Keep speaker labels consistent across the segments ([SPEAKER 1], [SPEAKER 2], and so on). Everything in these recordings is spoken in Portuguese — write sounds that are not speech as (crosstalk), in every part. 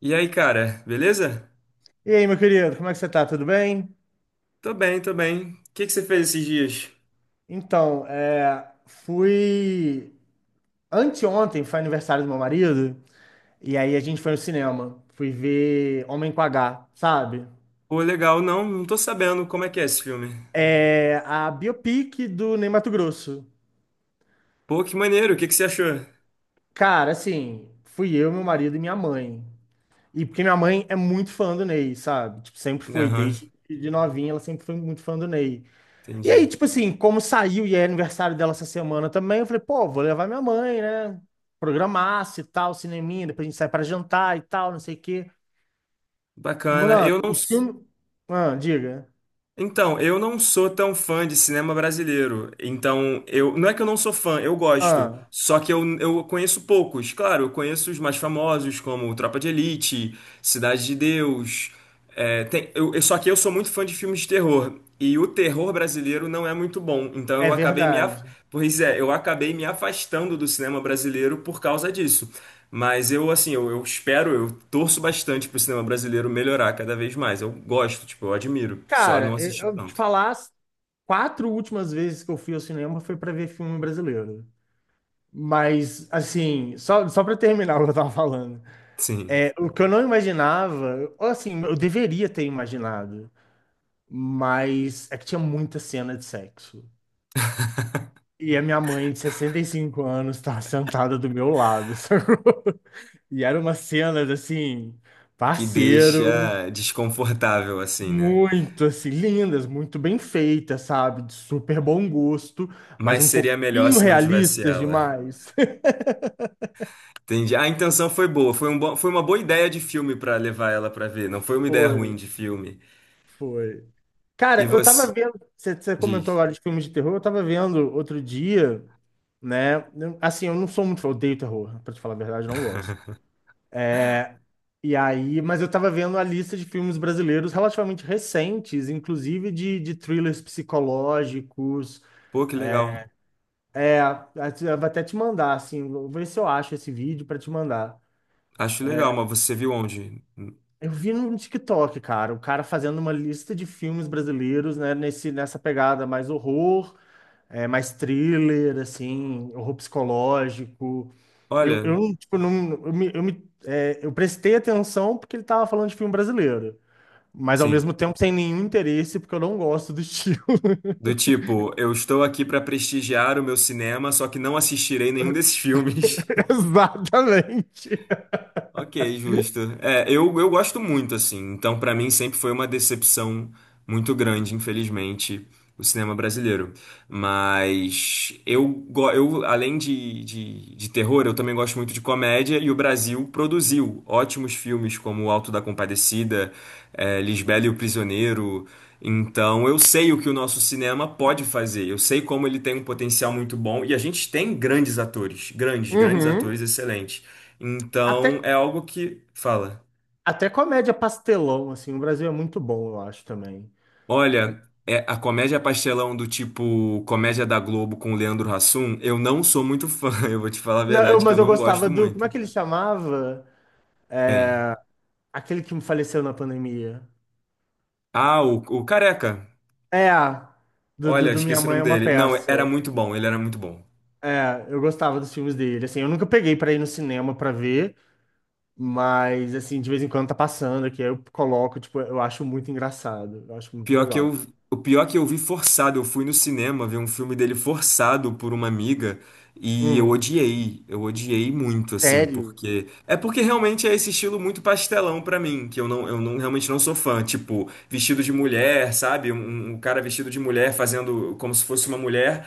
[SPEAKER 1] E aí, cara, beleza?
[SPEAKER 2] E aí, meu querido, como é que você tá? Tudo bem?
[SPEAKER 1] Tô bem, tô bem. O que que você fez esses dias?
[SPEAKER 2] Fui. Anteontem foi aniversário do meu marido, e aí a gente foi no cinema. Fui ver Homem com H, sabe?
[SPEAKER 1] Pô, legal, não tô sabendo como é que é esse filme.
[SPEAKER 2] É a biopic do Ney Matogrosso.
[SPEAKER 1] Pô, que maneiro, o que que você achou?
[SPEAKER 2] Cara, assim, fui eu, meu marido e minha mãe. E porque minha mãe é muito fã do Ney, sabe? Tipo, sempre foi,
[SPEAKER 1] Aham,
[SPEAKER 2] desde de novinha, ela sempre foi muito fã do Ney. E aí,
[SPEAKER 1] entendi.
[SPEAKER 2] tipo assim, como saiu e é aniversário dela essa semana também, eu falei, pô, vou levar minha mãe, né? Programar-se e tal, cineminha, depois a gente sai pra jantar e tal, não sei o quê.
[SPEAKER 1] Bacana.
[SPEAKER 2] Mano,
[SPEAKER 1] Eu não.
[SPEAKER 2] o filme. Ah, diga.
[SPEAKER 1] Então, eu não sou tão fã de cinema brasileiro. Então, eu não é que eu não sou fã, eu gosto.
[SPEAKER 2] Ah,
[SPEAKER 1] Só que eu conheço poucos. Claro, eu conheço os mais famosos, como Tropa de Elite, Cidade de Deus. Só que eu sou muito fã de filmes de terror. E o terror brasileiro não é muito bom. Então,
[SPEAKER 2] é
[SPEAKER 1] eu acabei me af...
[SPEAKER 2] verdade.
[SPEAKER 1] Pois é, eu acabei me afastando do cinema brasileiro por causa disso. Mas eu, assim, eu espero, eu torço bastante pro cinema brasileiro melhorar cada vez mais. Eu gosto, tipo, eu admiro. Só não
[SPEAKER 2] Cara, eu
[SPEAKER 1] assisti
[SPEAKER 2] eu te
[SPEAKER 1] tanto.
[SPEAKER 2] falar, as quatro últimas vezes que eu fui ao cinema foi pra ver filme brasileiro. Mas, assim, só para terminar o que eu tava falando,
[SPEAKER 1] Sim.
[SPEAKER 2] é, o que eu não imaginava, ou assim, eu deveria ter imaginado, mas é que tinha muita cena de sexo. E a minha mãe, de 65 anos, estava (laughs) sentada do meu lado, sacou? (laughs) E eram umas cenas assim,
[SPEAKER 1] Que
[SPEAKER 2] parceiro,
[SPEAKER 1] deixa desconfortável, assim, né?
[SPEAKER 2] muito assim, lindas, muito bem feitas, sabe? De super bom gosto, mas
[SPEAKER 1] Mas
[SPEAKER 2] um
[SPEAKER 1] seria melhor
[SPEAKER 2] pouquinho
[SPEAKER 1] se não tivesse
[SPEAKER 2] realistas
[SPEAKER 1] ela.
[SPEAKER 2] demais. (laughs)
[SPEAKER 1] Entendi. A intenção foi boa, foi um bom, foi uma boa ideia de filme pra levar ela pra ver. Não foi uma ideia ruim
[SPEAKER 2] Foi,
[SPEAKER 1] de filme.
[SPEAKER 2] foi.
[SPEAKER 1] E
[SPEAKER 2] Cara, eu tava
[SPEAKER 1] você
[SPEAKER 2] vendo, você comentou
[SPEAKER 1] diz,
[SPEAKER 2] agora de filmes de terror, eu tava vendo outro dia, né? Assim, eu não sou muito, eu odeio terror, pra te falar a verdade, eu não gosto.
[SPEAKER 1] (laughs)
[SPEAKER 2] E aí, mas eu tava vendo a lista de filmes brasileiros relativamente recentes, inclusive de thrillers psicológicos.
[SPEAKER 1] pô, que legal.
[SPEAKER 2] É, eu vou até te mandar, assim, vou ver se eu acho esse vídeo pra te mandar.
[SPEAKER 1] Acho legal, mas você viu onde?
[SPEAKER 2] Eu vi no TikTok, cara, o cara fazendo uma lista de filmes brasileiros, né, nessa pegada mais horror, é, mais thriller, assim, horror psicológico.
[SPEAKER 1] Olha,
[SPEAKER 2] Tipo, não, eu prestei atenção porque ele tava falando de filme brasileiro. Mas ao
[SPEAKER 1] sim.
[SPEAKER 2] mesmo tempo sem nenhum interesse, porque eu não gosto do estilo.
[SPEAKER 1] Do tipo, eu estou aqui para prestigiar o meu cinema, só que não assistirei nenhum desses filmes.
[SPEAKER 2] (laughs) Exatamente.
[SPEAKER 1] Ok, justo. É, eu gosto muito, assim. Então, pra mim, sempre foi uma decepção muito grande, infelizmente, o cinema brasileiro. Mas eu, além de, de terror, eu também gosto muito de comédia, e o Brasil produziu ótimos filmes como O Alto da Compadecida, é, Lisbela e o Prisioneiro. Então, eu sei o que o nosso cinema pode fazer. Eu sei como ele tem um potencial muito bom. E a gente tem grandes atores, grandes
[SPEAKER 2] Uhum.
[SPEAKER 1] atores excelentes. Então,
[SPEAKER 2] Até,
[SPEAKER 1] é algo que fala.
[SPEAKER 2] até comédia pastelão, assim, o Brasil é muito bom, eu acho também.
[SPEAKER 1] Olha, é a comédia pastelão do tipo comédia da Globo com o Leandro Hassum, eu não sou muito fã. (laughs) Eu vou te falar a
[SPEAKER 2] Não,
[SPEAKER 1] verdade que eu
[SPEAKER 2] mas eu
[SPEAKER 1] não
[SPEAKER 2] gostava
[SPEAKER 1] gosto
[SPEAKER 2] do. Como
[SPEAKER 1] muito.
[SPEAKER 2] é que ele chamava?
[SPEAKER 1] Quem?
[SPEAKER 2] Aquele que faleceu na pandemia.
[SPEAKER 1] Ah, o Careca.
[SPEAKER 2] É, do,
[SPEAKER 1] Olha,
[SPEAKER 2] do, do Minha
[SPEAKER 1] esqueci o
[SPEAKER 2] Mãe
[SPEAKER 1] nome
[SPEAKER 2] é uma
[SPEAKER 1] dele. Não, era
[SPEAKER 2] Peça.
[SPEAKER 1] muito bom, ele era muito bom.
[SPEAKER 2] É, eu gostava dos filmes dele. Assim, eu nunca peguei pra ir no cinema pra ver, mas, assim, de vez em quando tá passando aqui, aí eu coloco, tipo, eu acho muito engraçado. Eu acho
[SPEAKER 1] O
[SPEAKER 2] muito
[SPEAKER 1] pior que
[SPEAKER 2] legal.
[SPEAKER 1] eu, o pior que eu vi forçado, eu fui no cinema ver um filme dele forçado por uma amiga e
[SPEAKER 2] Hum,
[SPEAKER 1] eu odiei muito assim,
[SPEAKER 2] sério?
[SPEAKER 1] porque é porque realmente é esse estilo muito pastelão pra mim, que eu não realmente não sou fã, tipo, vestido de mulher, sabe? Um, um cara vestido de mulher fazendo como se fosse uma mulher.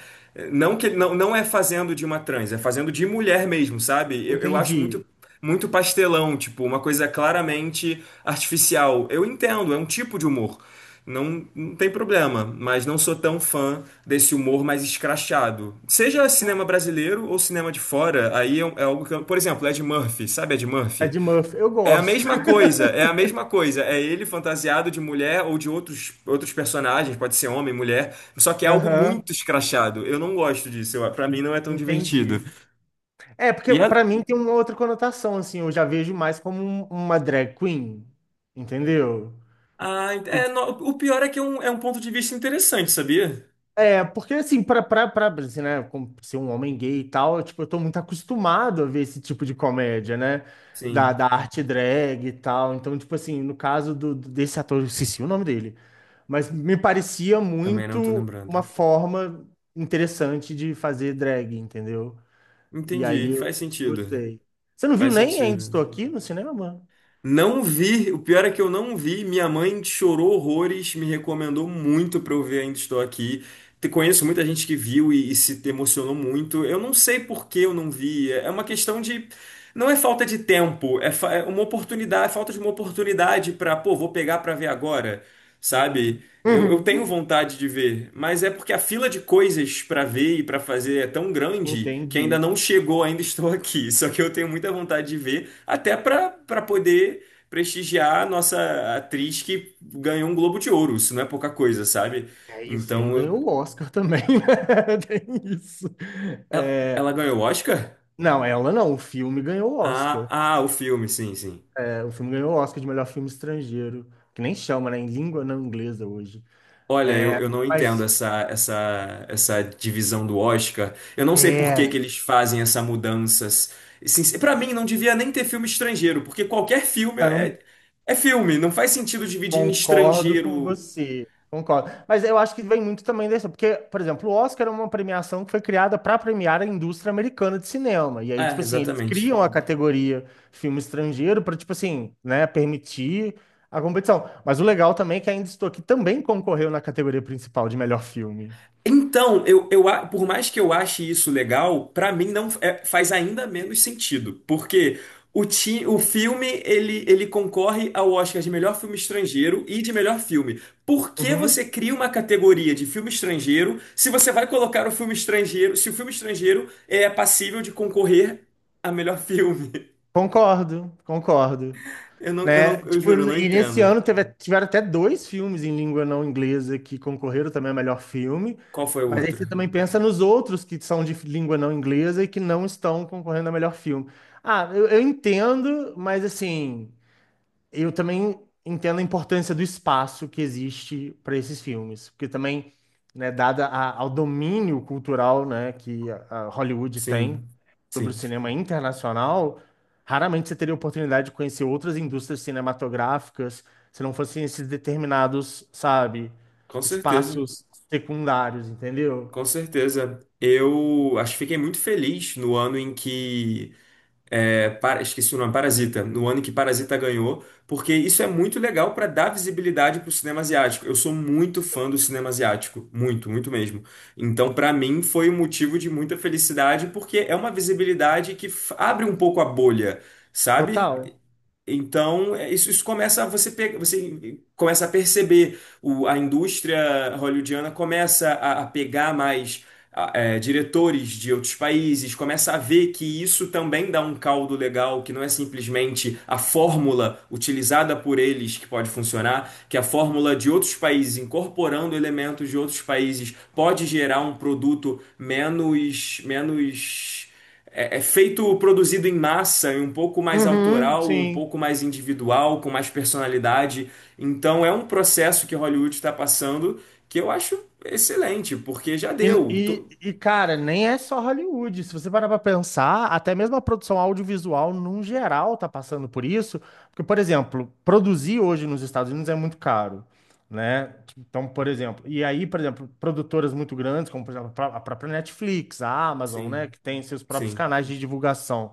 [SPEAKER 1] Não que não, não é fazendo de uma trans, é fazendo de mulher mesmo, sabe? Eu acho
[SPEAKER 2] Entendi.
[SPEAKER 1] muito pastelão, tipo, uma coisa claramente artificial. Eu entendo, é um tipo de humor. Não, não tem problema, mas não sou tão fã desse humor mais escrachado. Seja cinema brasileiro ou cinema de fora, aí é, um, é algo que eu, por exemplo, Ed Murphy, sabe Ed Murphy?
[SPEAKER 2] Ed Murphy, eu
[SPEAKER 1] É a
[SPEAKER 2] gosto.
[SPEAKER 1] mesma
[SPEAKER 2] (laughs)
[SPEAKER 1] coisa, é a mesma coisa. É ele fantasiado de mulher ou de outros, outros personagens, pode ser homem, mulher, só que é algo
[SPEAKER 2] Aham,
[SPEAKER 1] muito escrachado. Eu não gosto disso, eu, pra mim não é tão divertido.
[SPEAKER 2] entendi. É, porque
[SPEAKER 1] E a-
[SPEAKER 2] pra mim tem uma outra conotação, assim, eu já vejo mais como uma drag queen, entendeu?
[SPEAKER 1] ah, ent- é, no- o pior é que é um ponto de vista interessante, sabia?
[SPEAKER 2] É, porque assim, assim, né, como ser um homem gay e tal, tipo, eu tô muito acostumado a ver esse tipo de comédia, né? Da,
[SPEAKER 1] Sim,
[SPEAKER 2] da arte drag e tal. Então, tipo assim, no caso do desse ator, eu esqueci o nome dele, mas me parecia
[SPEAKER 1] também não tô
[SPEAKER 2] muito
[SPEAKER 1] lembrando.
[SPEAKER 2] uma forma interessante de fazer drag, entendeu? E aí
[SPEAKER 1] Entendi,
[SPEAKER 2] eu
[SPEAKER 1] faz
[SPEAKER 2] eu
[SPEAKER 1] sentido.
[SPEAKER 2] gostei. Você não viu
[SPEAKER 1] Faz
[SPEAKER 2] nem Ainda Estou
[SPEAKER 1] sentido.
[SPEAKER 2] Aqui no cinema, mano?
[SPEAKER 1] Não vi, o pior é que eu não vi. Minha mãe chorou horrores, me recomendou muito pra eu ver Ainda Estou Aqui. Conheço muita gente que viu e se emocionou muito. Eu não sei por que eu não vi. É é uma questão de. Não é falta de tempo, é, é uma oportunidade, é falta de uma oportunidade pra, pô, vou pegar pra ver agora, sabe? Eu tenho
[SPEAKER 2] Uhum.
[SPEAKER 1] vontade de ver, mas é porque a fila de coisas para ver e para fazer é tão grande que ainda
[SPEAKER 2] Entendi.
[SPEAKER 1] não chegou, ainda (laughs) estou aqui. Só que eu tenho muita vontade de ver, até para poder prestigiar a nossa atriz que ganhou um Globo de Ouro. Isso não é pouca coisa, sabe?
[SPEAKER 2] E aí o
[SPEAKER 1] Então,
[SPEAKER 2] filme
[SPEAKER 1] eu-
[SPEAKER 2] ganhou o Oscar também, né? (laughs) Tem isso.
[SPEAKER 1] ela, ela ganhou o Oscar?
[SPEAKER 2] Não, ela não. O filme ganhou o
[SPEAKER 1] Ah,
[SPEAKER 2] Oscar.
[SPEAKER 1] o filme, sim, sim.
[SPEAKER 2] É, o filme ganhou o Oscar de melhor filme estrangeiro. Que nem chama, né? Em língua não inglesa hoje.
[SPEAKER 1] Olha, eu não entendo
[SPEAKER 2] Mas,
[SPEAKER 1] essa, essa divisão do Oscar. Eu não sei por que que
[SPEAKER 2] é.
[SPEAKER 1] eles fazem essa mudança. Pra mim, não devia nem ter filme estrangeiro, porque qualquer filme é, é filme. Não faz sentido dividir em
[SPEAKER 2] Concordo com
[SPEAKER 1] estrangeiro.
[SPEAKER 2] você. Concordo. Mas eu acho que vem muito também dessa, porque, por exemplo, o Oscar é uma premiação que foi criada para premiar a indústria americana de cinema. E aí, tipo
[SPEAKER 1] É,
[SPEAKER 2] assim, eles
[SPEAKER 1] exatamente.
[SPEAKER 2] criam a categoria filme estrangeiro para, tipo assim, né, permitir a competição. Mas o legal também é que Ainda Estou Aqui também concorreu na categoria principal de melhor filme.
[SPEAKER 1] Então, eu, por mais que eu ache isso legal, pra mim não é- faz ainda menos sentido, porque o filme ele concorre ao Oscar de melhor filme estrangeiro e de melhor filme. Por que você
[SPEAKER 2] Uhum.
[SPEAKER 1] cria uma categoria de filme estrangeiro se você vai colocar o filme estrangeiro, se o filme estrangeiro é passível de concorrer a melhor filme? (laughs)
[SPEAKER 2] Concordo. Né?
[SPEAKER 1] Eu
[SPEAKER 2] Tipo,
[SPEAKER 1] juro, eu não
[SPEAKER 2] e nesse
[SPEAKER 1] entendo.
[SPEAKER 2] ano teve, tiveram até dois filmes em língua não inglesa que concorreram também ao melhor filme.
[SPEAKER 1] Qual foi o
[SPEAKER 2] Mas aí
[SPEAKER 1] outro?
[SPEAKER 2] você também pensa nos outros que são de língua não inglesa e que não estão concorrendo ao melhor filme. Ah, eu entendo, mas assim, eu também entendo a importância do espaço que existe para esses filmes, porque também, né, dada ao domínio cultural, né, que a Hollywood tem
[SPEAKER 1] Sim,
[SPEAKER 2] sobre o
[SPEAKER 1] sim,
[SPEAKER 2] cinema internacional, raramente você teria oportunidade de conhecer outras indústrias cinematográficas se não fossem esses determinados, sabe,
[SPEAKER 1] com certeza.
[SPEAKER 2] espaços secundários, entendeu?
[SPEAKER 1] Com certeza. Eu acho que fiquei muito feliz no ano em que. Esqueci o nome, Parasita. No ano em que Parasita ganhou, porque isso é muito legal para dar visibilidade para o cinema asiático. Eu sou muito fã do cinema asiático. Muito, muito mesmo. Então, para mim, foi um motivo de muita felicidade, porque é uma visibilidade que abre um pouco a bolha, sabe?
[SPEAKER 2] Total.
[SPEAKER 1] Então, é, isso começa a você começa a perceber a indústria hollywoodiana começa a pegar mais é, diretores de outros países, começa a ver que isso também dá um caldo legal, que não é simplesmente a fórmula utilizada por eles que pode funcionar, que a fórmula de outros países incorporando elementos de outros países pode gerar um produto menos é, é feito, produzido em massa, e um pouco mais
[SPEAKER 2] Uhum,
[SPEAKER 1] autoral, um
[SPEAKER 2] sim.
[SPEAKER 1] pouco mais individual, com mais personalidade. Então é um processo que Hollywood está passando que eu acho excelente, porque já deu. Tô-
[SPEAKER 2] Cara, nem é só Hollywood. Se você parar pra pensar, até mesmo a produção audiovisual, num geral, tá passando por isso. Porque, por exemplo, produzir hoje nos Estados Unidos é muito caro, né? Então, por exemplo, e aí, por exemplo, produtoras muito grandes, como, por exemplo, a própria Netflix, a Amazon, né,
[SPEAKER 1] Sim,
[SPEAKER 2] que tem seus próprios
[SPEAKER 1] sim,
[SPEAKER 2] canais de divulgação.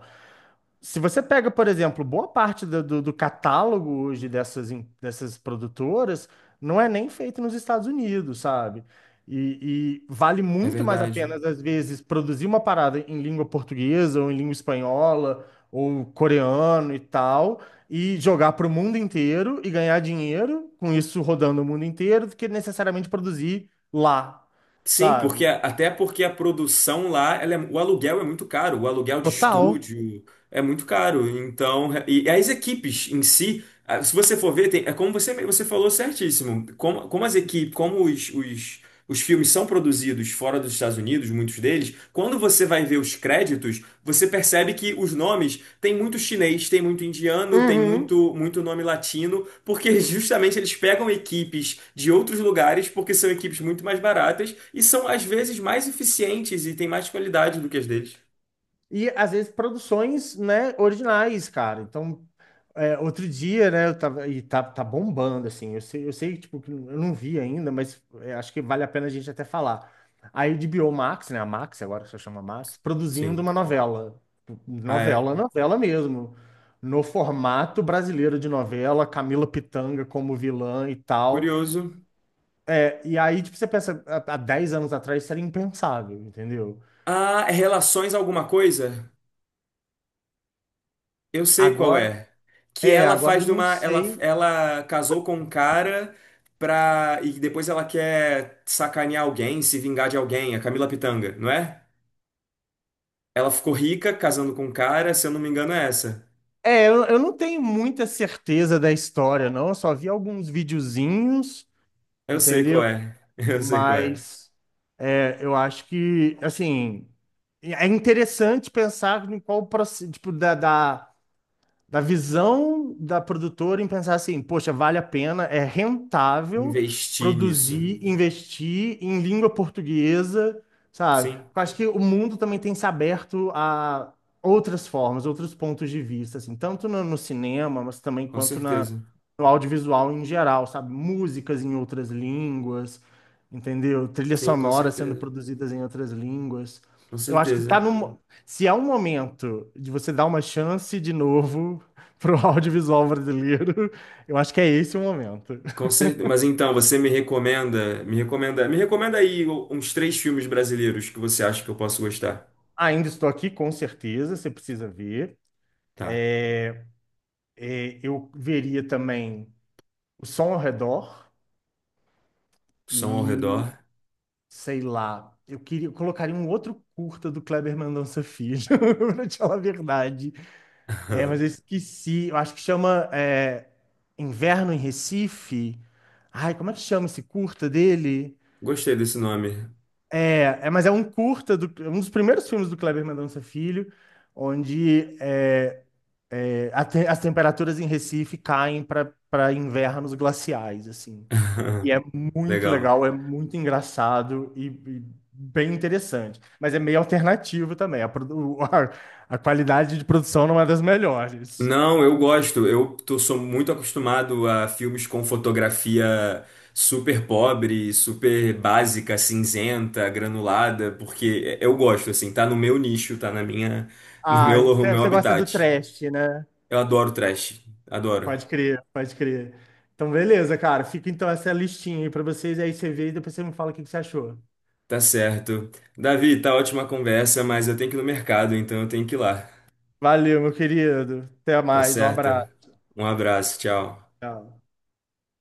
[SPEAKER 2] Se você pega, por exemplo, boa parte do catálogo hoje dessas, dessas produtoras, não é nem feito nos Estados Unidos, sabe? E vale
[SPEAKER 1] é
[SPEAKER 2] muito mais a
[SPEAKER 1] verdade.
[SPEAKER 2] pena, às vezes, produzir uma parada em língua portuguesa, ou em língua espanhola, ou coreano e tal, e jogar para o mundo inteiro e ganhar dinheiro com isso rodando o mundo inteiro, do que necessariamente produzir lá,
[SPEAKER 1] Sim, porque
[SPEAKER 2] sabe?
[SPEAKER 1] até porque a produção lá, ela é- o aluguel é muito caro, o aluguel de
[SPEAKER 2] Total.
[SPEAKER 1] estúdio é muito caro. Então, é, e as equipes em si, ah, se você for ver, tem- é como você falou certíssimo, como, como as equipes, como os filmes são produzidos fora dos Estados Unidos, muitos deles, quando você vai ver os créditos, você percebe que os nomes tem muito chinês, tem muito indiano, tem
[SPEAKER 2] Uhum.
[SPEAKER 1] muito, muito nome latino, porque (laughs) justamente eles pegam equipes de outros lugares, porque são equipes muito mais baratas e são às vezes mais eficientes e têm mais qualidade do que as deles.
[SPEAKER 2] E às vezes produções, né, originais, cara. Então, é, outro dia, né, eu tava, e tá bombando, assim. Tipo, que eu não vi ainda, mas é, acho que vale a pena a gente até falar. Aí a HBO Max, né, a Max, agora só chama Max, produzindo
[SPEAKER 1] Sim.
[SPEAKER 2] uma novela.
[SPEAKER 1] Ah, é?
[SPEAKER 2] Novela mesmo. No formato brasileiro de novela, Camila Pitanga como vilã e tal.
[SPEAKER 1] Curioso.
[SPEAKER 2] É, e aí, tipo, você pensa, há 10 anos atrás isso era impensável, entendeu?
[SPEAKER 1] Ah, é relações alguma coisa? Eu sei qual
[SPEAKER 2] Agora,
[SPEAKER 1] é. Que
[SPEAKER 2] é,
[SPEAKER 1] ela
[SPEAKER 2] agora
[SPEAKER 1] faz
[SPEAKER 2] eu
[SPEAKER 1] de
[SPEAKER 2] não
[SPEAKER 1] uma. Ela,
[SPEAKER 2] sei.
[SPEAKER 1] ela casou com um cara pra. E depois ela quer sacanear alguém, se vingar de alguém, a Camila Pitanga, não é? Ela ficou rica casando com um cara, se eu não me engano, é essa.
[SPEAKER 2] É, eu não tenho muita certeza da história, não. Eu só vi alguns videozinhos,
[SPEAKER 1] Eu sei qual
[SPEAKER 2] entendeu?
[SPEAKER 1] é. (laughs) Eu sei qual é.
[SPEAKER 2] Mas é, eu acho que, assim, é interessante pensar em qual o processo, tipo, da visão da produtora em pensar assim, poxa, vale a pena, é rentável
[SPEAKER 1] Investir nisso.
[SPEAKER 2] produzir, investir em língua portuguesa, sabe?
[SPEAKER 1] Sim,
[SPEAKER 2] Eu acho que o mundo também tem se aberto a outras formas, outros pontos de vista, assim, tanto no, no cinema, mas também
[SPEAKER 1] com
[SPEAKER 2] quanto na,
[SPEAKER 1] certeza.
[SPEAKER 2] no audiovisual em geral, sabe? Músicas em outras línguas, entendeu? Trilhas
[SPEAKER 1] Sim, com
[SPEAKER 2] sonoras sendo
[SPEAKER 1] certeza.
[SPEAKER 2] produzidas em outras línguas.
[SPEAKER 1] Com
[SPEAKER 2] Eu acho que tá
[SPEAKER 1] certeza.
[SPEAKER 2] no. Se é um momento de você dar uma chance de novo (laughs) pro audiovisual brasileiro, (laughs) eu acho que é esse o momento.
[SPEAKER 1] Com certeza. Mas então, você me recomenda, me recomenda, me recomenda aí uns três filmes brasileiros que você acha que eu posso gostar.
[SPEAKER 2] Ainda estou aqui, com certeza, você precisa ver.
[SPEAKER 1] Tá.
[SPEAKER 2] É, eu veria também o som ao redor
[SPEAKER 1] Som ao
[SPEAKER 2] e,
[SPEAKER 1] redor.
[SPEAKER 2] sei lá, eu queria, eu colocaria um outro curta do Kleber Mendonça Filho, (laughs) pra te falar a verdade. É, mas eu
[SPEAKER 1] (laughs)
[SPEAKER 2] esqueci. Eu acho que chama é, Inverno em Recife. Ai, como é que chama esse curta dele?
[SPEAKER 1] Gostei desse nome.
[SPEAKER 2] Mas é um curta, é um dos primeiros filmes do Kleber Mendonça Filho, onde é, é, as temperaturas em Recife caem para invernos glaciais, assim. E
[SPEAKER 1] (laughs)
[SPEAKER 2] é muito
[SPEAKER 1] Legal.
[SPEAKER 2] legal, é muito engraçado e bem interessante. Mas é meio alternativo também. (laughs) A qualidade de produção não é das melhores.
[SPEAKER 1] Não, eu gosto. Eu tô, sou muito acostumado a filmes com fotografia super pobre, super básica, cinzenta, granulada, porque eu gosto, assim, tá no meu nicho, tá na minha, (laughs) no
[SPEAKER 2] Ah,
[SPEAKER 1] meu, no
[SPEAKER 2] você
[SPEAKER 1] meu
[SPEAKER 2] você gosta do
[SPEAKER 1] habitat.
[SPEAKER 2] trash, né?
[SPEAKER 1] Eu adoro trash. Adoro.
[SPEAKER 2] Pode crer. Então, beleza, cara. Fica então essa listinha aí pra vocês, aí você vê e depois você me fala o que que você achou.
[SPEAKER 1] Tá certo. Davi, tá ótima a conversa, mas eu tenho que ir no mercado, então eu tenho que ir lá.
[SPEAKER 2] Valeu, meu querido. Até
[SPEAKER 1] Tá
[SPEAKER 2] mais. Um abraço.
[SPEAKER 1] certo? Um abraço, tchau.
[SPEAKER 2] Tchau.